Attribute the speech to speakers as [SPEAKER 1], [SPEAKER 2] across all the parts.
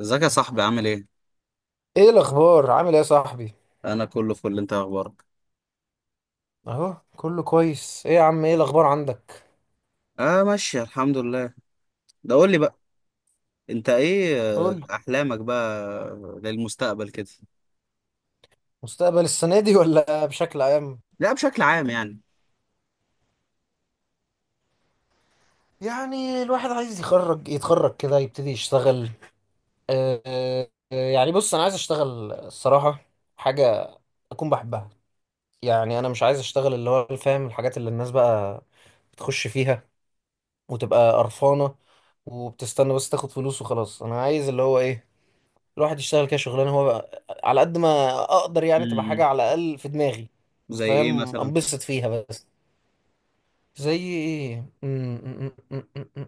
[SPEAKER 1] ازيك يا صاحبي، عامل ايه؟
[SPEAKER 2] ايه الاخبار عامل ايه يا صاحبي؟
[SPEAKER 1] انا كله فل. انت إيه اخبارك؟
[SPEAKER 2] اهو كله كويس، ايه يا عم ايه الاخبار عندك؟
[SPEAKER 1] اه، ماشي الحمد لله. ده قول لي بقى، انت ايه
[SPEAKER 2] قول.
[SPEAKER 1] احلامك بقى للمستقبل كده؟
[SPEAKER 2] مستقبل السنه دي ولا بشكل عام؟
[SPEAKER 1] لا، بشكل عام يعني.
[SPEAKER 2] يعني الواحد عايز يخرج يتخرج كده يبتدي يشتغل. يعني بص انا عايز اشتغل الصراحه حاجه اكون بحبها. يعني انا مش عايز اشتغل اللي هو فاهم، الحاجات اللي الناس بقى بتخش فيها وتبقى قرفانه وبتستنى بس تاخد فلوس وخلاص. انا عايز اللي هو ايه، الواحد يشتغل كده شغلانه هو بقى على قد ما اقدر، يعني تبقى
[SPEAKER 1] امم.
[SPEAKER 2] حاجه على الاقل في دماغي
[SPEAKER 1] زي ايه
[SPEAKER 2] فاهم،
[SPEAKER 1] مثلا؟
[SPEAKER 2] انبسط فيها بس. زي ايه؟ م- م- م- م- م- م.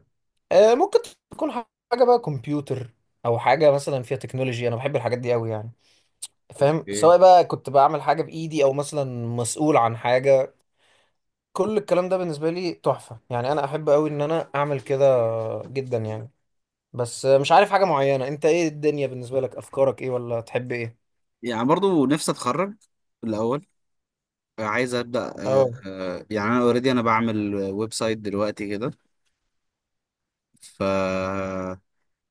[SPEAKER 2] ممكن تكون حاجه بقى كمبيوتر او حاجه مثلا فيها تكنولوجي. انا بحب الحاجات دي قوي يعني، فاهم،
[SPEAKER 1] ايه؟
[SPEAKER 2] سواء بقى كنت بعمل حاجه بايدي او مثلا مسؤول عن حاجه. كل الكلام ده بالنسبه لي تحفه، يعني انا احب قوي ان انا اعمل كده جدا يعني. بس مش عارف حاجه معينه. انت ايه الدنيا بالنسبه لك؟ افكارك ايه ولا تحب ايه؟
[SPEAKER 1] يعني برضو نفسي اتخرج الاول. عايز ابدا.
[SPEAKER 2] اه،
[SPEAKER 1] يعني انا اوريدي انا بعمل ويب سايت دلوقتي كده. ف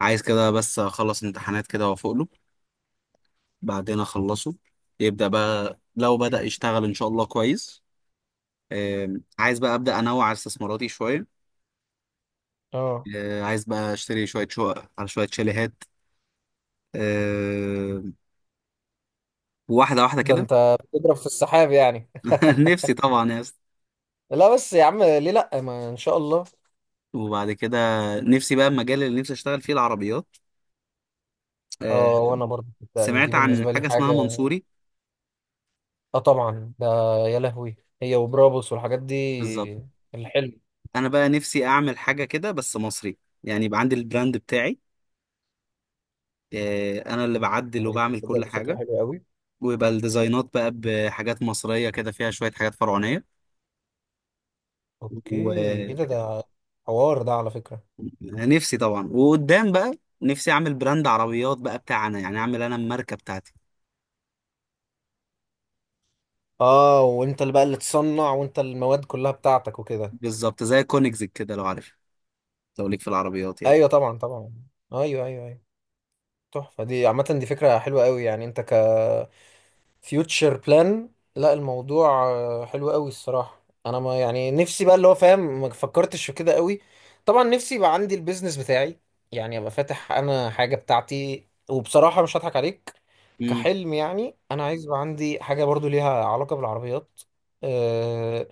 [SPEAKER 1] عايز كده بس اخلص امتحانات كده وافوق له. بعدين اخلصه. يبدا بقى لو بدا يشتغل ان شاء الله كويس. آه، عايز بقى ابدا انوع على استثماراتي شويه.
[SPEAKER 2] اه.
[SPEAKER 1] عايز بقى اشتري شويه شقق على شويه شاليهات. آه، واحده واحده
[SPEAKER 2] ده
[SPEAKER 1] كده.
[SPEAKER 2] انت بتضرب في السحاب يعني.
[SPEAKER 1] نفسي طبعا يا اسطى.
[SPEAKER 2] لا بس يا عم ليه لا، ما ان شاء الله.
[SPEAKER 1] وبعد كده، نفسي بقى المجال اللي نفسي اشتغل فيه العربيات. آه،
[SPEAKER 2] اه وانا برضه، يعني دي
[SPEAKER 1] سمعت عن
[SPEAKER 2] بالنسبه لي
[SPEAKER 1] حاجه
[SPEAKER 2] حاجه.
[SPEAKER 1] اسمها منصوري.
[SPEAKER 2] اه طبعا ده، يا لهوي هي وبرابوس والحاجات دي،
[SPEAKER 1] بالظبط.
[SPEAKER 2] الحلم.
[SPEAKER 1] انا بقى نفسي اعمل حاجه كده بس مصري، يعني يبقى عندي البراند بتاعي. انا اللي بعدل
[SPEAKER 2] انت
[SPEAKER 1] وبعمل
[SPEAKER 2] تصدق
[SPEAKER 1] كل
[SPEAKER 2] دي فكرة
[SPEAKER 1] حاجه،
[SPEAKER 2] حلوة قوي.
[SPEAKER 1] ويبقى الديزاينات بقى بحاجات مصريه كده فيها شويه حاجات
[SPEAKER 2] اوكي. ايه
[SPEAKER 1] فرعونيه.
[SPEAKER 2] ده، حوار ده على فكره.
[SPEAKER 1] نفسي طبعا، وقدام بقى نفسي اعمل براند عربيات بقى بتاعنا، يعني اعمل انا الماركه بتاعتي.
[SPEAKER 2] اه، وانت اللي بقى اللي تصنع وانت المواد كلها بتاعتك وكده.
[SPEAKER 1] بالظبط زي كونيكزك كده لو عارف، لو ليك في العربيات يعني.
[SPEAKER 2] ايوه طبعا، طبعا. ايوه، ايوه، ايوه. تحفه دي، عامه دي فكره حلوه قوي يعني، انت فيوتشر بلان. لا الموضوع حلو قوي الصراحة. انا ما يعني نفسي بقى، اللي هو فاهم، ما فكرتش في كده قوي. طبعا نفسي يبقى عندي البيزنس بتاعي، يعني ابقى فاتح انا حاجة بتاعتي. وبصراحة مش هضحك عليك،
[SPEAKER 1] امم.
[SPEAKER 2] كحلم يعني انا عايز يبقى عندي حاجة برضو ليها علاقة بالعربيات. أه،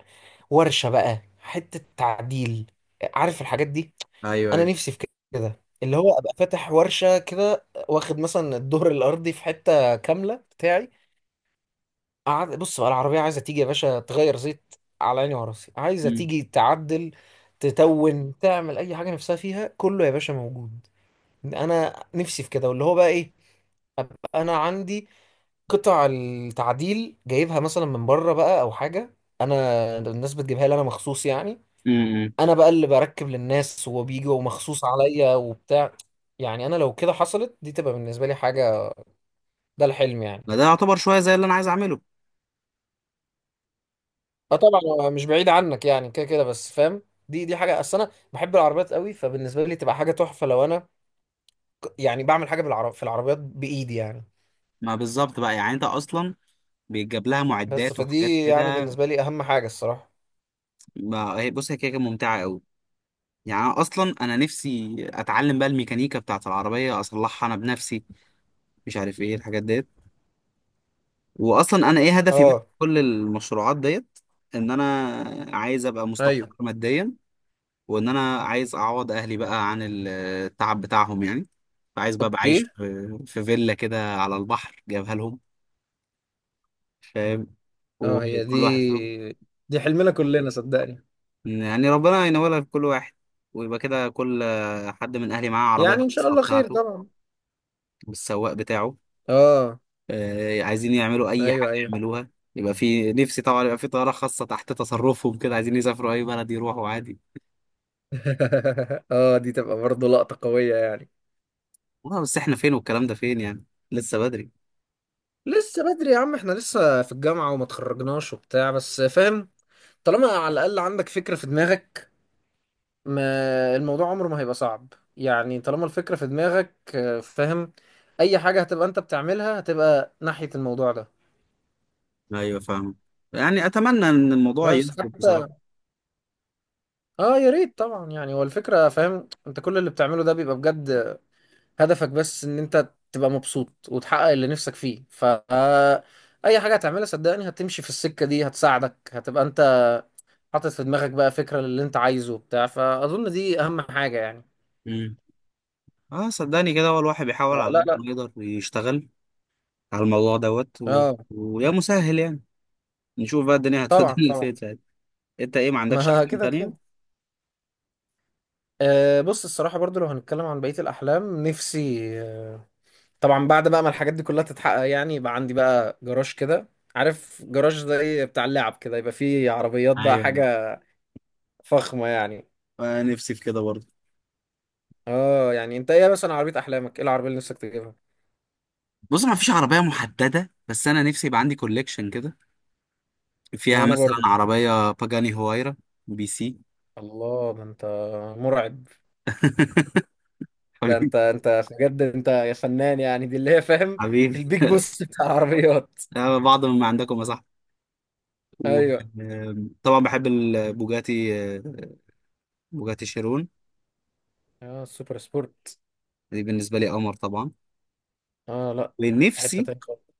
[SPEAKER 2] ورشة بقى، حتة تعديل، عارف الحاجات دي.
[SPEAKER 1] ايوه
[SPEAKER 2] انا
[SPEAKER 1] ايوه.
[SPEAKER 2] نفسي في كده، اللي هو ابقى فاتح ورشة كده واخد مثلا الدور الارضي في حتة كاملة بتاعي. قعد بص بقى، العربية عايزة تيجي يا باشا تغير زيت، على عيني وراسي. عايزة
[SPEAKER 1] امم.
[SPEAKER 2] تيجي تعدل، تتون تعمل أي حاجة نفسها فيها، كله يا باشا موجود. أنا نفسي في كده، واللي هو بقى إيه، أبقى أنا عندي قطع التعديل جايبها مثلا من بره بقى أو حاجة. أنا الناس بتجيبها لي أنا مخصوص يعني.
[SPEAKER 1] امم.
[SPEAKER 2] أنا بقى اللي بركب للناس وبيجوا مخصوص عليا وبتاع. يعني أنا لو كده حصلت دي تبقى بالنسبة لي حاجة، ده الحلم يعني.
[SPEAKER 1] ما ده يعتبر شويه زي اللي انا عايز اعمله.
[SPEAKER 2] اه طبعا، هو مش بعيد عنك يعني كده كده بس فاهم. دي حاجه، اصل انا بحب العربيات قوي، فبالنسبه لي تبقى حاجه تحفه لو انا يعني بعمل حاجه بالعرب في العربيات بايدي يعني.
[SPEAKER 1] ما بالظبط بقى، يعني انت اصلا بيتجاب لها
[SPEAKER 2] بس
[SPEAKER 1] معدات وحاجات
[SPEAKER 2] فدي يعني
[SPEAKER 1] كده.
[SPEAKER 2] بالنسبه لي اهم حاجه الصراحه.
[SPEAKER 1] ما هي بص، هي كده كده ممتعه قوي. يعني أنا اصلا انا نفسي اتعلم بقى الميكانيكا بتاعت العربيه اصلحها انا بنفسي، مش عارف ايه الحاجات دي. واصلا انا ايه هدفي بقى في
[SPEAKER 2] اه.
[SPEAKER 1] كل المشروعات ديت؟ ان انا عايز ابقى مستقر
[SPEAKER 2] ايوه.
[SPEAKER 1] ماديا، وان انا عايز اعوض اهلي بقى عن التعب بتاعهم يعني. فعايز بقى ابقى عايش
[SPEAKER 2] اوكي.
[SPEAKER 1] في فيلا كده على البحر جايبها لهم، فاهم،
[SPEAKER 2] اه، هي دي،
[SPEAKER 1] وكل واحد فيهم،
[SPEAKER 2] دي حلمنا كلنا صدقني.
[SPEAKER 1] يعني ربنا ينولها لكل واحد. ويبقى كده كل حد من اهلي معاه عربيه
[SPEAKER 2] يعني ان شاء
[SPEAKER 1] الخاصه
[SPEAKER 2] الله خير
[SPEAKER 1] بتاعته،
[SPEAKER 2] طبعا.
[SPEAKER 1] بالسواق بتاعه.
[SPEAKER 2] اه.
[SPEAKER 1] عايزين يعملوا اي حاجه
[SPEAKER 2] ايوه، ايوه.
[SPEAKER 1] يعملوها. يبقى في نفسي طبعا يبقى في طياره خاصه تحت تصرفهم كده، عايزين يسافروا اي بلد يروحوا عادي.
[SPEAKER 2] اه دي تبقى برضه لقطة قوية يعني.
[SPEAKER 1] والله، بس احنا فين والكلام ده فين يعني؟ لسه بدري.
[SPEAKER 2] لسه بدري يا عم، احنا لسه في الجامعة وما تخرجناش وبتاع بس فاهم. طالما على الاقل عندك فكرة في دماغك، ما الموضوع عمره ما هيبقى صعب يعني. طالما الفكرة في دماغك، فاهم، أي حاجة هتبقى أنت بتعملها هتبقى ناحية الموضوع ده.
[SPEAKER 1] ايوه فاهم، يعني اتمنى ان الموضوع
[SPEAKER 2] بس
[SPEAKER 1] يظبط بصراحه.
[SPEAKER 2] حتى، اه يا ريت طبعا يعني. هو الفكرة، فاهم، انت كل اللي بتعمله ده بيبقى بجد هدفك بس ان انت تبقى مبسوط وتحقق اللي نفسك فيه. ف آه، اي حاجة هتعملها صدقني هتمشي في السكة دي، هتساعدك هتبقى انت حاطط في دماغك بقى فكرة للي انت عايزه بتاع فأظن دي أهم حاجة يعني.
[SPEAKER 1] امم. اه، صدقني كده هو الواحد بيحاول على
[SPEAKER 2] لا،
[SPEAKER 1] قد
[SPEAKER 2] لا.
[SPEAKER 1] ما يقدر يشتغل على الموضوع دوت و.
[SPEAKER 2] اه
[SPEAKER 1] ويا مسهل يعني، نشوف بقى الدنيا
[SPEAKER 2] طبعا،
[SPEAKER 1] هتودينا لفين
[SPEAKER 2] طبعا.
[SPEAKER 1] يعني. انت ايه، ما عندكش
[SPEAKER 2] ما
[SPEAKER 1] احلام
[SPEAKER 2] كده
[SPEAKER 1] تانية؟
[SPEAKER 2] كده. أه بص الصراحة برضو لو هنتكلم عن بقية الأحلام، نفسي طبعا بعد بقى ما الحاجات دي كلها تتحقق، يعني يبقى عندي بقى جراج كده. عارف جراج زي بتاع اللعب كده يبقى فيه عربيات بقى
[SPEAKER 1] ايوه.
[SPEAKER 2] حاجة فخمة يعني.
[SPEAKER 1] آه، نفسي في كده برضه.
[SPEAKER 2] اه يعني انت ايه مثلا عربية أحلامك؟ ايه العربية اللي نفسك تجيبها؟
[SPEAKER 1] بص، ما فيش عربيه محدده، بس انا نفسي يبقى عندي كوليكشن كده
[SPEAKER 2] ما
[SPEAKER 1] فيها
[SPEAKER 2] انا
[SPEAKER 1] مثلا
[SPEAKER 2] برضو.
[SPEAKER 1] عربية باجاني هوايرا، بي سي.
[SPEAKER 2] الله، ده انت مرعب. ده
[SPEAKER 1] حبيبي.
[SPEAKER 2] انت، انت بجد انت يا فنان يعني دي اللي هي فاهم،
[SPEAKER 1] حبيبي.
[SPEAKER 2] البيج بوس بتاع العربيات.
[SPEAKER 1] بعض من عندكم يا صاحبي.
[SPEAKER 2] ايوه.
[SPEAKER 1] وطبعا بحب البوجاتي، بوجاتي شيرون.
[SPEAKER 2] اه السوبر سبورت.
[SPEAKER 1] دي بالنسبة لي قمر طبعا.
[SPEAKER 2] اه لا في حتة
[SPEAKER 1] ونفسي
[SPEAKER 2] تانية خالص.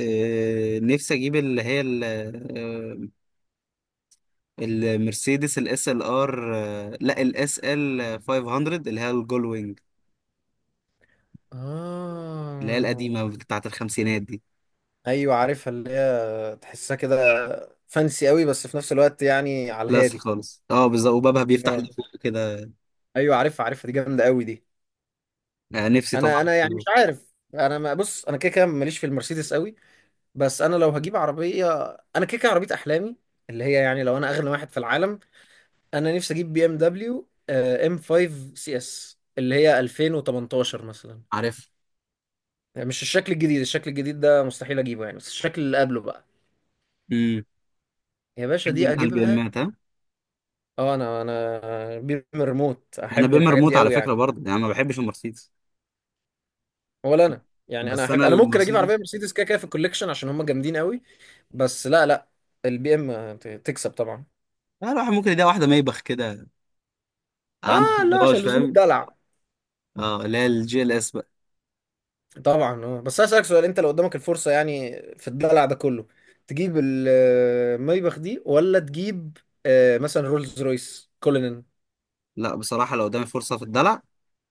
[SPEAKER 1] آه، نفسي اجيب اللي هي آه، المرسيدس الاس ال ار، لا الاس ال 500 اللي هي الجولوينج، اللي هي
[SPEAKER 2] اه
[SPEAKER 1] القديمة بتاعت الخمسينات دي.
[SPEAKER 2] ايوه عارفها، اللي هي تحسها كده فانسي قوي بس في نفس الوقت يعني على
[SPEAKER 1] كلاس
[SPEAKER 2] الهادي.
[SPEAKER 1] خالص، اه بالظبط، وبابها بيفتح
[SPEAKER 2] آه.
[SPEAKER 1] لفوق كده.
[SPEAKER 2] ايوه عارفها، عارفها، دي جامده قوي دي.
[SPEAKER 1] نفسي
[SPEAKER 2] انا
[SPEAKER 1] طبعا.
[SPEAKER 2] انا يعني مش عارف. انا ما، بص انا كده كده ماليش في المرسيدس قوي. بس انا لو هجيب عربيه، انا كده كده عربيه احلامي اللي هي يعني، لو انا اغنى واحد في العالم، انا نفسي اجيب بي ام دبليو ام 5 سي اس اللي هي 2018 مثلا.
[SPEAKER 1] عارف.
[SPEAKER 2] يعني مش الشكل الجديد، الشكل الجديد ده مستحيل اجيبه يعني، بس الشكل اللي قبله بقى يا باشا
[SPEAKER 1] بحب
[SPEAKER 2] دي
[SPEAKER 1] انت البي
[SPEAKER 2] اجيبها.
[SPEAKER 1] امات، ها؟
[SPEAKER 2] اه انا بير من الريموت،
[SPEAKER 1] انا
[SPEAKER 2] احب
[SPEAKER 1] بي ام، إيه
[SPEAKER 2] الحاجات
[SPEAKER 1] ريموت
[SPEAKER 2] دي
[SPEAKER 1] على
[SPEAKER 2] قوي
[SPEAKER 1] فكره
[SPEAKER 2] يعني.
[SPEAKER 1] برضه، يعني ما بحبش المرسيدس.
[SPEAKER 2] ولا انا يعني، انا
[SPEAKER 1] بس
[SPEAKER 2] احب،
[SPEAKER 1] انا
[SPEAKER 2] انا ممكن اجيب
[SPEAKER 1] المرسيدس،
[SPEAKER 2] عربيه مرسيدس كده كده في الكوليكشن عشان هم جامدين قوي. بس لا، لا. البي ام تكسب طبعا.
[SPEAKER 1] لا الواحد ممكن يلاقي واحده ميبخ كده عنده في
[SPEAKER 2] اه لا
[SPEAKER 1] الجراج،
[SPEAKER 2] عشان لزوم
[SPEAKER 1] فاهم.
[SPEAKER 2] الدلع.
[SPEAKER 1] اه، اللي هي الجي ال اس بقى.
[SPEAKER 2] طبعا. اه بس هسألك سؤال، انت لو قدامك الفرصه يعني في الدلع ده كله، تجيب المايباخ دي ولا تجيب آه مثلا رولز رويس كولينن؟
[SPEAKER 1] لا بصراحه، لو قدامي فرصه في الدلع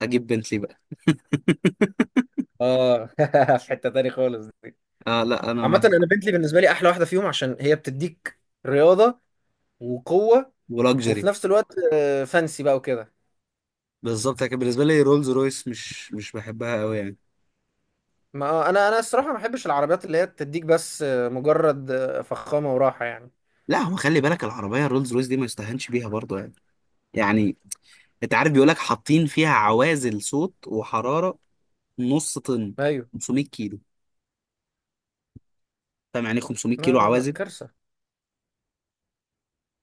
[SPEAKER 1] اجيب بنتلي بقى.
[SPEAKER 2] اه في حته تاني خالص دي.
[SPEAKER 1] اه لا، انا
[SPEAKER 2] عامه
[SPEAKER 1] ما.
[SPEAKER 2] انا بنتلي بالنسبه لي احلى واحده فيهم، عشان هي بتديك رياضه وقوه وفي
[SPEAKER 1] ولاكجري.
[SPEAKER 2] نفس الوقت فانسي بقى وكده.
[SPEAKER 1] بالظبط، لكن بالنسبه لي رولز رويس مش بحبها قوي يعني.
[SPEAKER 2] ما انا الصراحه ما بحبش العربيات اللي هي تديك بس مجرد فخامه وراحه يعني.
[SPEAKER 1] لا، هو خلي بالك العربيه الرولز رويس دي ما يستهانش بيها برضه يعني. يعني. انت عارف، بيقول لك حاطين فيها عوازل صوت وحراره، نص طن،
[SPEAKER 2] ايوه.
[SPEAKER 1] 500 كيلو. فاهم يعني إيه 500
[SPEAKER 2] لا
[SPEAKER 1] كيلو
[SPEAKER 2] لا لا
[SPEAKER 1] عوازل؟
[SPEAKER 2] كارثه.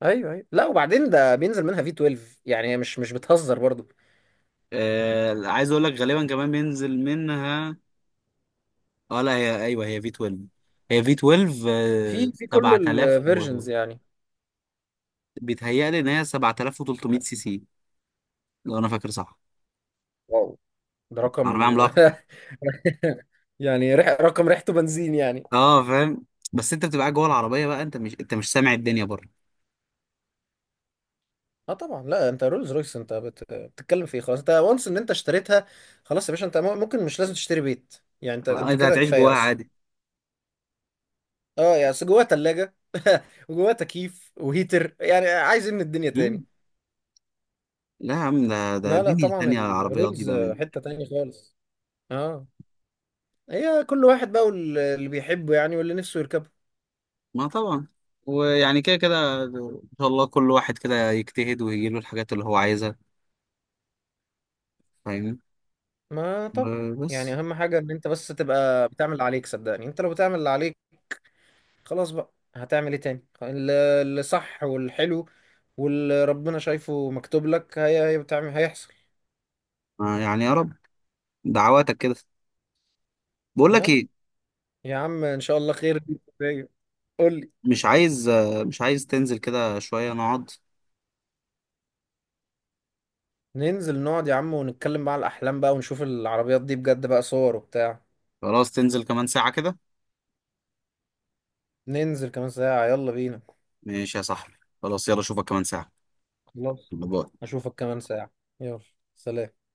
[SPEAKER 2] ايوه ايوه، لا وبعدين ده بينزل منها في 12، يعني هي مش مش بتهزر برضو.
[SPEAKER 1] عايز اقول لك غالبا كمان بينزل منها. اه، لا هي ايوه، هي في 12، هي في 12
[SPEAKER 2] في كل
[SPEAKER 1] 7000 و.
[SPEAKER 2] الفيرجنز يعني.
[SPEAKER 1] بيتهيألي ان هي 7300 سي سي، لو انا فاكر صح.
[SPEAKER 2] واو، ده رقم
[SPEAKER 1] عربيه عملاقه.
[SPEAKER 2] يعني، رح... رقم ريحته بنزين يعني.
[SPEAKER 1] اه، فاهم. بس انت بتبقى قاعد جوه العربيه بقى، انت مش سامع الدنيا بره.
[SPEAKER 2] اه طبعا. لا انت رولز رويس انت بت... بتتكلم في ايه، خلاص انت وانس ان انت اشتريتها. خلاص يا باشا، انت ممكن مش لازم تشتري بيت يعني، انت انت
[SPEAKER 1] انت
[SPEAKER 2] كده
[SPEAKER 1] هتعيش
[SPEAKER 2] كفايه
[SPEAKER 1] جواها
[SPEAKER 2] اصلا.
[SPEAKER 1] عادي.
[SPEAKER 2] اه يعني أصل جواها تلاجة وجواها تكييف وهيتر، يعني عايز من الدنيا تاني؟
[SPEAKER 1] مم. لا يا عم، ده
[SPEAKER 2] لا لا
[SPEAKER 1] دنيا
[SPEAKER 2] طبعا،
[SPEAKER 1] تانية، العربيات دي
[SPEAKER 2] الرولز
[SPEAKER 1] بأمان.
[SPEAKER 2] حتة تانية خالص. اه، هي كل واحد بقى واللي بيحبه يعني واللي نفسه يركبه.
[SPEAKER 1] ما طبعا. ويعني كده كده إن شاء الله كل واحد كده يجتهد ويجيله الحاجات اللي هو عايزها، فاهمني،
[SPEAKER 2] ما طبعا. يعني
[SPEAKER 1] وبس.
[SPEAKER 2] اهم حاجة ان انت بس تبقى بتعمل اللي عليك، صدقني انت لو بتعمل اللي عليك خلاص، بقى هتعمل ايه تاني، اللي صح والحلو واللي ربنا شايفه مكتوب لك، هي هي بتعمل، هيحصل.
[SPEAKER 1] يعني يا رب، دعواتك كده. بقول لك
[SPEAKER 2] آه.
[SPEAKER 1] ايه؟
[SPEAKER 2] يا عم ان شاء الله خير. قول لي.
[SPEAKER 1] مش عايز تنزل كده شوية نقعد؟
[SPEAKER 2] ننزل نقعد يا عم ونتكلم بقى على الأحلام بقى ونشوف العربيات دي بجد بقى صور وبتاع.
[SPEAKER 1] خلاص، تنزل كمان ساعة كده؟
[SPEAKER 2] ننزل كمان ساعة، يلا بينا.
[SPEAKER 1] ماشي يا صاحبي. خلاص، يلا اشوفك كمان ساعة.
[SPEAKER 2] خلاص،
[SPEAKER 1] باي
[SPEAKER 2] أشوفك كمان ساعة. يلا. سلام.